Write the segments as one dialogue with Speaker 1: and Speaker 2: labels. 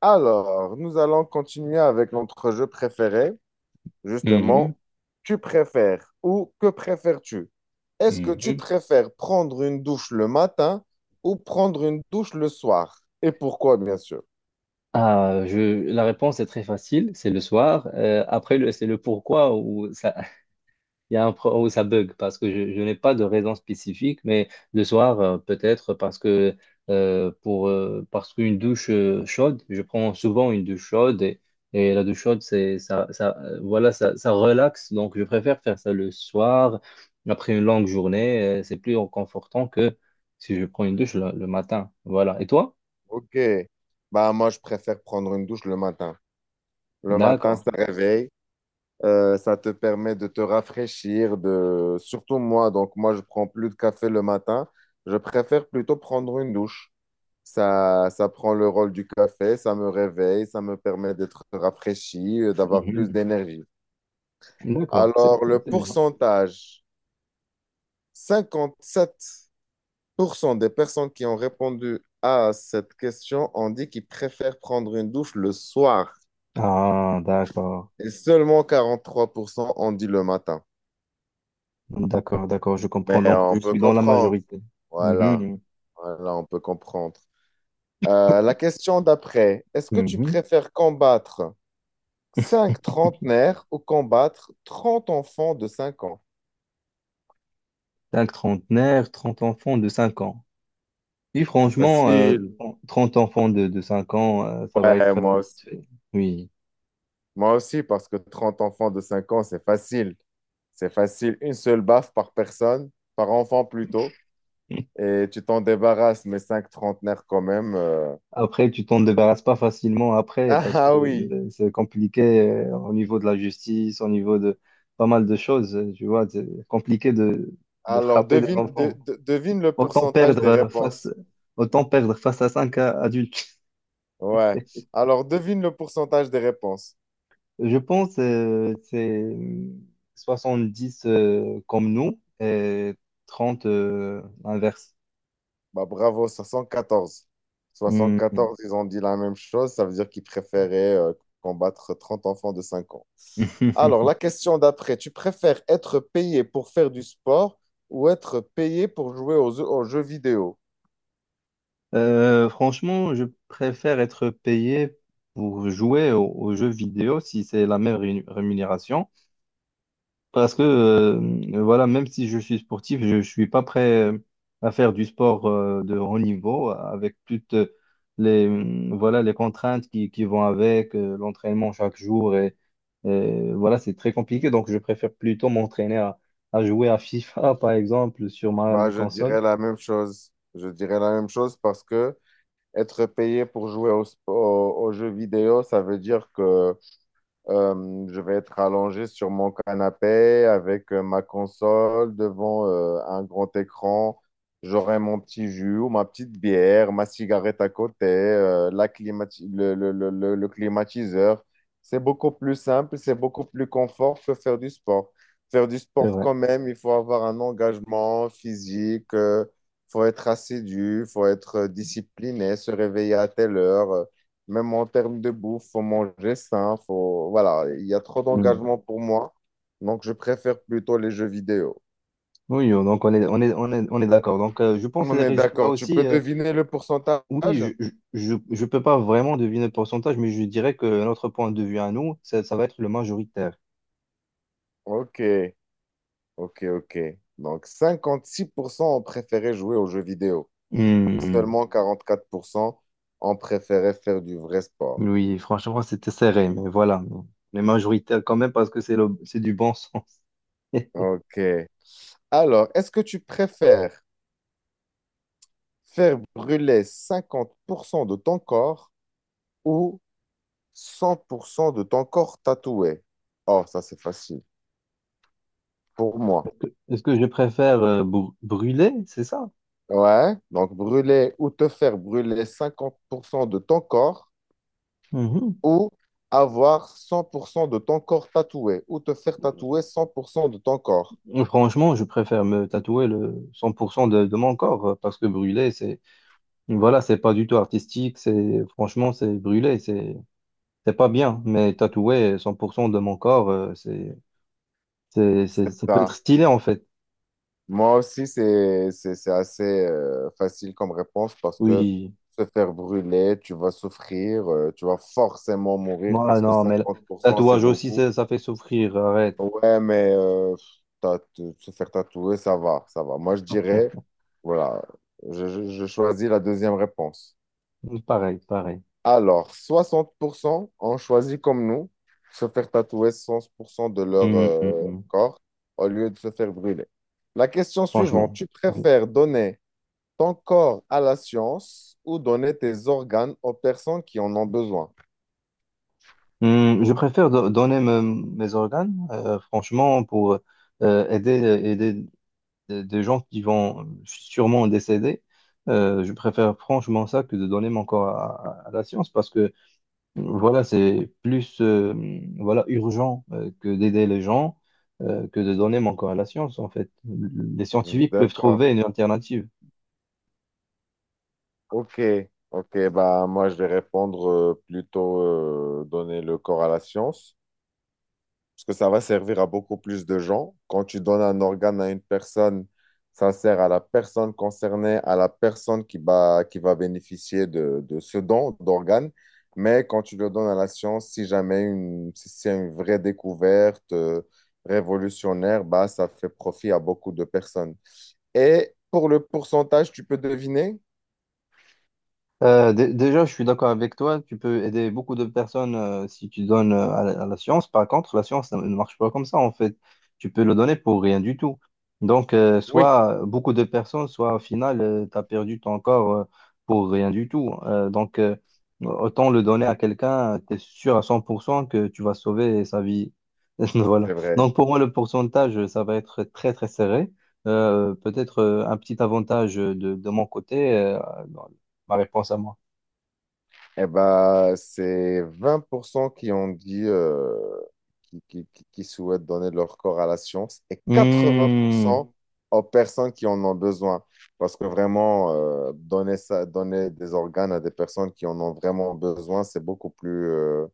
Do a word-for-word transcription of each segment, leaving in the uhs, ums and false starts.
Speaker 1: Alors, nous allons continuer avec notre jeu préféré,
Speaker 2: Mhm,
Speaker 1: justement, tu préfères ou que préfères-tu? Est-ce que tu
Speaker 2: mhm.
Speaker 1: préfères prendre une douche le matin ou prendre une douche le soir? Et pourquoi, bien sûr.
Speaker 2: Ah, je, la réponse est très facile, c'est le soir. Euh, après, le- c'est le pourquoi où ça, il y a un, pro- où ça bug, parce que je, je n'ai pas de raison spécifique, mais le soir, euh, peut-être parce que euh, pour, euh, parce qu'une douche euh, chaude, je prends souvent une douche chaude et, et la douche chaude, c'est, ça, ça, euh, voilà, ça, ça relaxe. Donc, je préfère faire ça le soir, après une longue journée, euh, c'est plus réconfortant que si je prends une douche le le matin. Voilà. Et toi?
Speaker 1: Ok, bah moi je préfère prendre une douche le matin. Le matin,
Speaker 2: D'accord.
Speaker 1: ça réveille, euh, ça te permet de te rafraîchir, de... surtout moi, donc moi je prends plus de café le matin, je préfère plutôt prendre une douche. Ça, ça prend le rôle du café, ça me réveille, ça me permet d'être rafraîchi, euh, d'avoir plus
Speaker 2: Mhm.
Speaker 1: d'énergie.
Speaker 2: D'accord, c'est
Speaker 1: Alors, le
Speaker 2: c'est bien.
Speaker 1: pourcentage, cinquante-sept pour cent des personnes qui ont répondu à cette question ont dit qu'ils préfèrent prendre une douche le soir
Speaker 2: Ah, d'accord,
Speaker 1: et seulement quarante-trois pour cent ont dit le matin.
Speaker 2: d'accord, d'accord, je
Speaker 1: Mais
Speaker 2: comprends. Donc,
Speaker 1: on
Speaker 2: je
Speaker 1: peut
Speaker 2: suis dans la
Speaker 1: comprendre.
Speaker 2: majorité.
Speaker 1: Voilà,
Speaker 2: Mhm.
Speaker 1: voilà, on peut comprendre. Euh, la question d'après, est-ce que tu
Speaker 2: Mhm.
Speaker 1: préfères combattre Cinq trentenaires au combattre trente enfants de cinq ans.
Speaker 2: Cinq trentenaires, trente enfants de cinq ans. Oui,
Speaker 1: C'est
Speaker 2: franchement, euh,
Speaker 1: facile.
Speaker 2: trente enfants de, de cinq ans, euh, ça va
Speaker 1: Ouais,
Speaker 2: être... euh,
Speaker 1: moi
Speaker 2: vite
Speaker 1: aussi.
Speaker 2: fait. Oui.
Speaker 1: Moi aussi, parce que trente enfants de cinq ans, c'est facile. C'est facile. Une seule baffe par personne, par enfant plutôt. Et tu t'en débarrasses, mais cinq trentenaires quand même. euh.
Speaker 2: Après, tu t'en débarrasses pas facilement après
Speaker 1: Ah
Speaker 2: parce que
Speaker 1: ah oui.
Speaker 2: euh, c'est compliqué euh, au niveau de la justice, au niveau de pas mal de choses. euh, Tu vois, c'est compliqué de, de
Speaker 1: Alors,
Speaker 2: frapper des
Speaker 1: devine, de-
Speaker 2: enfants.
Speaker 1: de- devine le
Speaker 2: Autant
Speaker 1: pourcentage
Speaker 2: perdre
Speaker 1: des
Speaker 2: euh, face,
Speaker 1: réponses.
Speaker 2: autant perdre face à cinq adultes.
Speaker 1: Ouais. Alors, devine le pourcentage des réponses.
Speaker 2: Je pense euh, c'est soixante-dix euh, comme nous et trente euh, l'inverse.
Speaker 1: Bah, bravo, soixante quatorze soixante
Speaker 2: Hmm.
Speaker 1: quatorze ils ont dit la même chose, ça veut dire qu'ils préféraient euh, combattre trente enfants de cinq ans. Alors, la question d'après, tu préfères être payé pour faire du sport ou être payé pour jouer aux, jeux- aux jeux vidéo?
Speaker 2: Euh, franchement, je préfère être payé pour jouer aux, aux jeux vidéo si c'est la même rému- rémunération. Parce que euh, voilà, même si je suis sportif, je ne suis pas prêt euh, à faire du sport euh, de haut niveau avec toutes les, euh, voilà, les contraintes qui, qui vont avec euh, l'entraînement chaque jour. Et, et voilà, c'est très compliqué. Donc, je préfère plutôt m'entraîner à, à jouer à FIFA, par exemple, sur ma,
Speaker 1: Bah,
Speaker 2: ma
Speaker 1: je
Speaker 2: console.
Speaker 1: dirais la même chose. Je dirais la même chose parce que être payé pour jouer au sp- aux aux jeux vidéo, ça veut dire que Euh, je vais être allongé sur mon canapé avec euh, ma console devant euh, un grand écran. J'aurai mon petit jus ou ma petite bière, ma cigarette à côté, euh, la climati- le, le- le- le- le climatiseur. C'est beaucoup plus simple, c'est beaucoup plus confort que faire du sport. Faire du
Speaker 2: C'est
Speaker 1: sport
Speaker 2: vrai.
Speaker 1: quand même, il faut avoir un engagement physique, il faut être assidu, il faut être euh, discipliné, se réveiller à telle heure. euh, Même en termes de bouffe, faut manger sain, faut... Voilà, il y a trop
Speaker 2: Mm.
Speaker 1: d'engagement pour moi, donc je préfère plutôt les jeux vidéo.
Speaker 2: Oui, donc on est, on est, on est, on est d'accord. Donc, euh, je pense que
Speaker 1: On
Speaker 2: les
Speaker 1: est
Speaker 2: résultats
Speaker 1: d'accord, tu
Speaker 2: aussi.
Speaker 1: peux
Speaker 2: euh,
Speaker 1: deviner le pourcentage?
Speaker 2: Oui, je je, je peux pas vraiment deviner le pourcentage, mais je dirais que notre point de vue à nous, ça, ça va être le majoritaire.
Speaker 1: Ok, ok, ok. Donc cinquante-six pour cent ont préféré jouer aux jeux vidéo. Et
Speaker 2: Hmm.
Speaker 1: seulement quarante-quatre pour cent ont préféré faire du vrai sport.
Speaker 2: Oui, franchement, c'était serré, mais voilà. Les majoritaires quand même, parce que c'est le, c'est du bon sens.
Speaker 1: Ok. Alors, est-ce que tu préfères faire brûler cinquante pour cent de ton corps ou cent pour cent de ton corps tatoué? Oh, ça c'est facile pour moi.
Speaker 2: Est-ce que je préfère euh, br- brûler, c'est ça?
Speaker 1: Ouais, donc brûler ou te faire brûler cinquante pour cent de ton corps
Speaker 2: Mhm.
Speaker 1: ou avoir cent pour cent de ton corps tatoué ou te faire tatouer cent pour cent de ton corps.
Speaker 2: Franchement, je préfère me tatouer le cent pour cent de, de mon corps, euh, parce que brûler, c'est, voilà, c'est pas du tout artistique, c'est, franchement, c'est brûler, c'est, c'est pas bien, mais tatouer cent pour cent de mon corps, euh, c'est, C'est, c'est- ça peut être
Speaker 1: Ça,
Speaker 2: stylé en fait.
Speaker 1: moi aussi, c'est, c'est, c'est assez euh, facile comme réponse parce que
Speaker 2: Oui.
Speaker 1: se faire brûler, tu vas souffrir, euh, tu vas forcément mourir
Speaker 2: Moi,
Speaker 1: parce que
Speaker 2: non, mais le
Speaker 1: cinquante pour cent, c'est
Speaker 2: tatouage aussi,
Speaker 1: beaucoup.
Speaker 2: ça, ça fait souffrir. Arrête.
Speaker 1: Ouais, mais euh, tatou- se faire tatouer, ça va, ça va. Moi, je dirais, voilà, je, je- je choisis la deuxième réponse.
Speaker 2: Pareil, pareil.
Speaker 1: Alors, soixante pour cent ont choisi comme nous, se faire tatouer soixante pour cent de leur
Speaker 2: Mm, mm,
Speaker 1: euh,
Speaker 2: mm.
Speaker 1: corps au lieu de se faire brûler. La question suivante,
Speaker 2: Franchement.
Speaker 1: tu
Speaker 2: Oui.
Speaker 1: préfères donner ton corps à la science ou donner tes organes aux personnes qui en ont besoin?
Speaker 2: Mm, je préfère do- donner me- mes organes, euh, franchement, pour euh, aider, aider des des gens qui vont sûrement décéder. Euh, je préfère franchement ça que de donner mon corps à, à- à la science parce que voilà, c'est plus euh, voilà, urgent euh, que d'aider les gens, euh, que de donner mon corps à la science, en fait. Les scientifiques peuvent
Speaker 1: D'accord.
Speaker 2: trouver une alternative.
Speaker 1: Ok, ok, bah moi je vais répondre euh, plutôt euh, donner le corps à la science, parce que ça va servir à beaucoup plus de gens. Quand tu donnes un organe à une personne, ça sert à la personne concernée, à la personne qui va, qui va bénéficier de, de ce don d'organe. Mais quand tu le donnes à la science, si jamais une, si c'est une vraie découverte euh, révolutionnaire, bah ça fait profit à beaucoup de personnes. Et pour le pourcentage, tu peux deviner?
Speaker 2: Euh, dé- déjà, je suis d'accord avec toi. Tu peux aider beaucoup de personnes euh, si tu donnes euh, à, la à la science. Par contre, la science ne ne marche pas comme ça, en fait. Tu peux le donner pour rien du tout. Donc, euh,
Speaker 1: Oui,
Speaker 2: soit euh, beaucoup de personnes, soit au final, tu as perdu ton corps euh, pour rien du tout. Euh, donc, euh, autant le donner à quelqu'un, tu es sûr à cent pour cent que tu vas sauver sa vie. Voilà.
Speaker 1: c'est vrai.
Speaker 2: Donc, pour moi, le pourcentage, ça va être très, très serré. Euh, peut-être euh, un petit avantage de, de mon côté. Euh, ma réponse à moi.
Speaker 1: Eh ben, c'est vingt pour cent qui ont dit euh, qui, qui- qui- qui souhaitent donner leur corps à la science et quatre-vingts pour
Speaker 2: Hmm,
Speaker 1: cent aux personnes qui en ont besoin. Parce que vraiment, euh, donner ça, donner des organes à des personnes qui en ont vraiment besoin, c'est beaucoup plus, euh,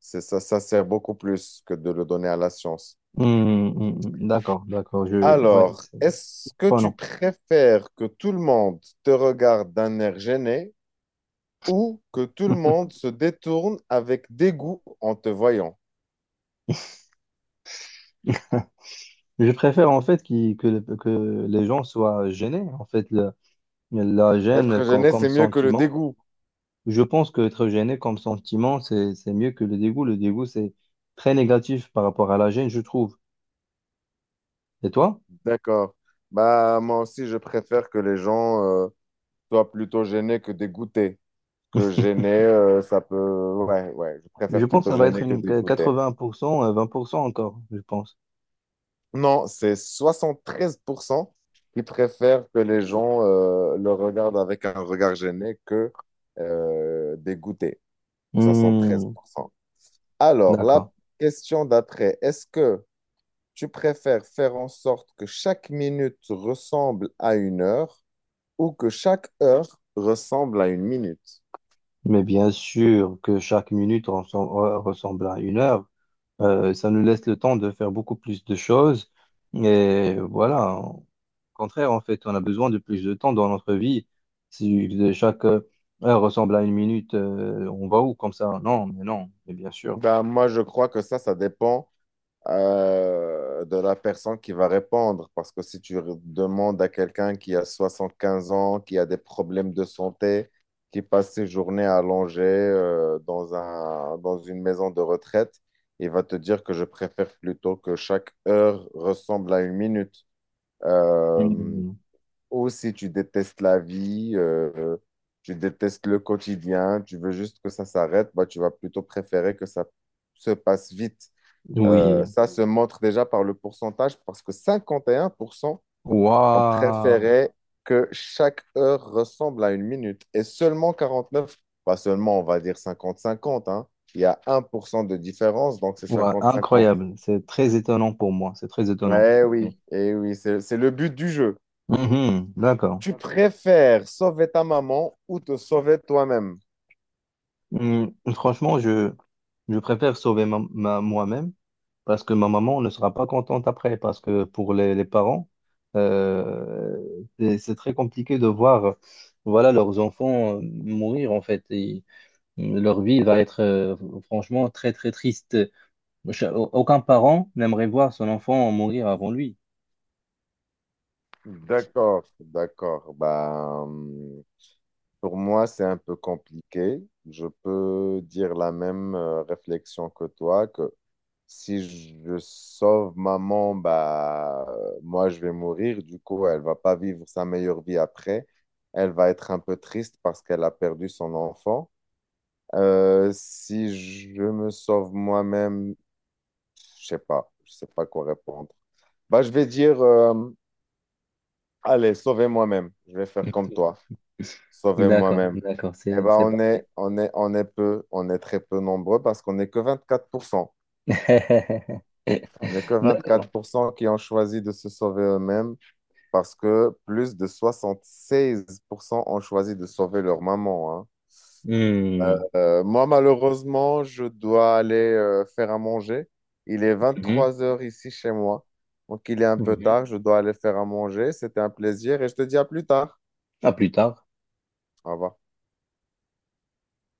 Speaker 1: c'est, ça, ça sert beaucoup plus que de le donner à la science.
Speaker 2: hmm, hmm, d'accord, d'accord. Je, ouais,
Speaker 1: Alors,
Speaker 2: c'est
Speaker 1: est-ce que
Speaker 2: pas
Speaker 1: tu
Speaker 2: non.
Speaker 1: préfères que tout le monde te regarde d'un air gêné ou que tout le monde se détourne avec dégoût en te voyant?
Speaker 2: Je préfère en fait qui- que, le- que les gens soient gênés. En fait, le- la gêne
Speaker 1: Être
Speaker 2: co-
Speaker 1: gêné,
Speaker 2: comme
Speaker 1: c'est mieux que le
Speaker 2: sentiment.
Speaker 1: dégoût.
Speaker 2: Je pense que être gêné comme sentiment, c'est, c'est mieux que le dégoût. Le dégoût, c'est très négatif par rapport à la gêne, je trouve. Et toi?
Speaker 1: D'accord. Bah, moi aussi, je préfère que les gens euh, soient plutôt gênés que dégoûtés. Que gêné, euh, ça peut. Ouais, ouais, je
Speaker 2: Je
Speaker 1: préfère
Speaker 2: pense
Speaker 1: plutôt
Speaker 2: que ça va être
Speaker 1: gêné que
Speaker 2: une
Speaker 1: dégoûté.
Speaker 2: quatre-vingts pour cent, euh, vingt pour cent encore, je pense.
Speaker 1: Non, c'est soixante treize pour cent qui préfèrent que les gens euh, le regardent avec un regard gêné que euh, dégoûté. soixante-treize
Speaker 2: Hmm,
Speaker 1: pour cent. Alors,
Speaker 2: d'accord.
Speaker 1: la question d'après, est-ce que Tu préfères faire en sorte que chaque minute ressemble à une heure ou que chaque heure ressemble à une minute?
Speaker 2: Mais bien sûr que chaque minute ressemble, ressemble à une heure. Euh, ça nous laisse le temps de faire beaucoup plus de choses. Et voilà, au contraire, en fait, on a besoin de plus de temps dans notre vie. Si de chaque euh, heure ressemble à une minute, euh, on va où comme ça? Non, mais non, mais bien sûr.
Speaker 1: Ben, moi, je crois que ça, ça dépend euh, de la personne qui va répondre. Parce que si tu re- demandes à quelqu'un qui a soixante-quinze ans, qui a des problèmes de santé, qui passe ses journées allongées euh, dans un, dans une maison de retraite, il va te dire que je préfère plutôt que chaque heure ressemble à une minute. Euh,
Speaker 2: Mhm.
Speaker 1: ou si tu détestes la vie, euh, tu détestes le quotidien, tu veux juste que ça s'arrête, bah, tu vas plutôt préférer que ça se passe vite. Euh,
Speaker 2: Oui.
Speaker 1: ça se montre déjà par le pourcentage parce que cinquante et un pour cent ont
Speaker 2: Waouh!
Speaker 1: préféré que chaque heure ressemble à une minute et seulement quarante-neuf, pas seulement on va dire cinquante cinquante, hein. Il y a un pour cent de différence, donc c'est
Speaker 2: Waouh,
Speaker 1: cinquante cinquante.
Speaker 2: incroyable. C'est très étonnant pour moi. C'est très étonnant.
Speaker 1: Eh
Speaker 2: Ok.
Speaker 1: oui, eh oui, c'est c'est le but du jeu.
Speaker 2: Mhm, d'accord.
Speaker 1: Tu préfères sauver ta maman ou te sauver toi-même?
Speaker 2: Hum, franchement, je, je préfère sauver ma, ma- moi-même parce que ma maman ne sera pas contente après. Parce que pour les, les parents, euh, c'est c'est très compliqué de voir, voilà, leurs enfants euh, mourir en fait. Et, hum, leur vie va être euh, franchement très très triste. Cha- Aucun parent n'aimerait voir son enfant mourir avant lui.
Speaker 1: D'accord, d'accord. Bah, hum, pour moi, c'est un peu compliqué. Je peux dire la même euh, réflexion que toi, que si je sauve maman, bah, euh, moi, je vais mourir. Du coup, elle va pas vivre sa meilleure vie après. Elle va être un peu triste parce qu'elle a perdu son enfant. Euh, si je me sauve moi-même, je sais pas. Je sais pas quoi répondre. Bah, je vais dire, euh, allez, sauvez moi-même. Je vais faire comme toi. Sauvez
Speaker 2: D'accord,
Speaker 1: moi-même.
Speaker 2: d'accord,
Speaker 1: Eh
Speaker 2: c'est
Speaker 1: ben,
Speaker 2: c'est
Speaker 1: on
Speaker 2: parfait.
Speaker 1: est, on est, on est peu, on est très peu nombreux parce qu'on n'est que vingt-quatre pour cent. On n'est que
Speaker 2: D'accord.
Speaker 1: vingt-quatre pour cent qui ont choisi de se sauver eux-mêmes parce que plus de soixante seize pour cent ont choisi de sauver leur maman, hein. Euh,
Speaker 2: Hum,
Speaker 1: euh, moi, malheureusement, je dois aller euh, faire à manger. Il est
Speaker 2: hum,
Speaker 1: vingt-trois heures ici chez moi. Donc, il est un peu
Speaker 2: hum.
Speaker 1: tard. Je dois aller faire à manger. C'était un plaisir et je te dis à plus tard.
Speaker 2: À plus tard.
Speaker 1: Au revoir.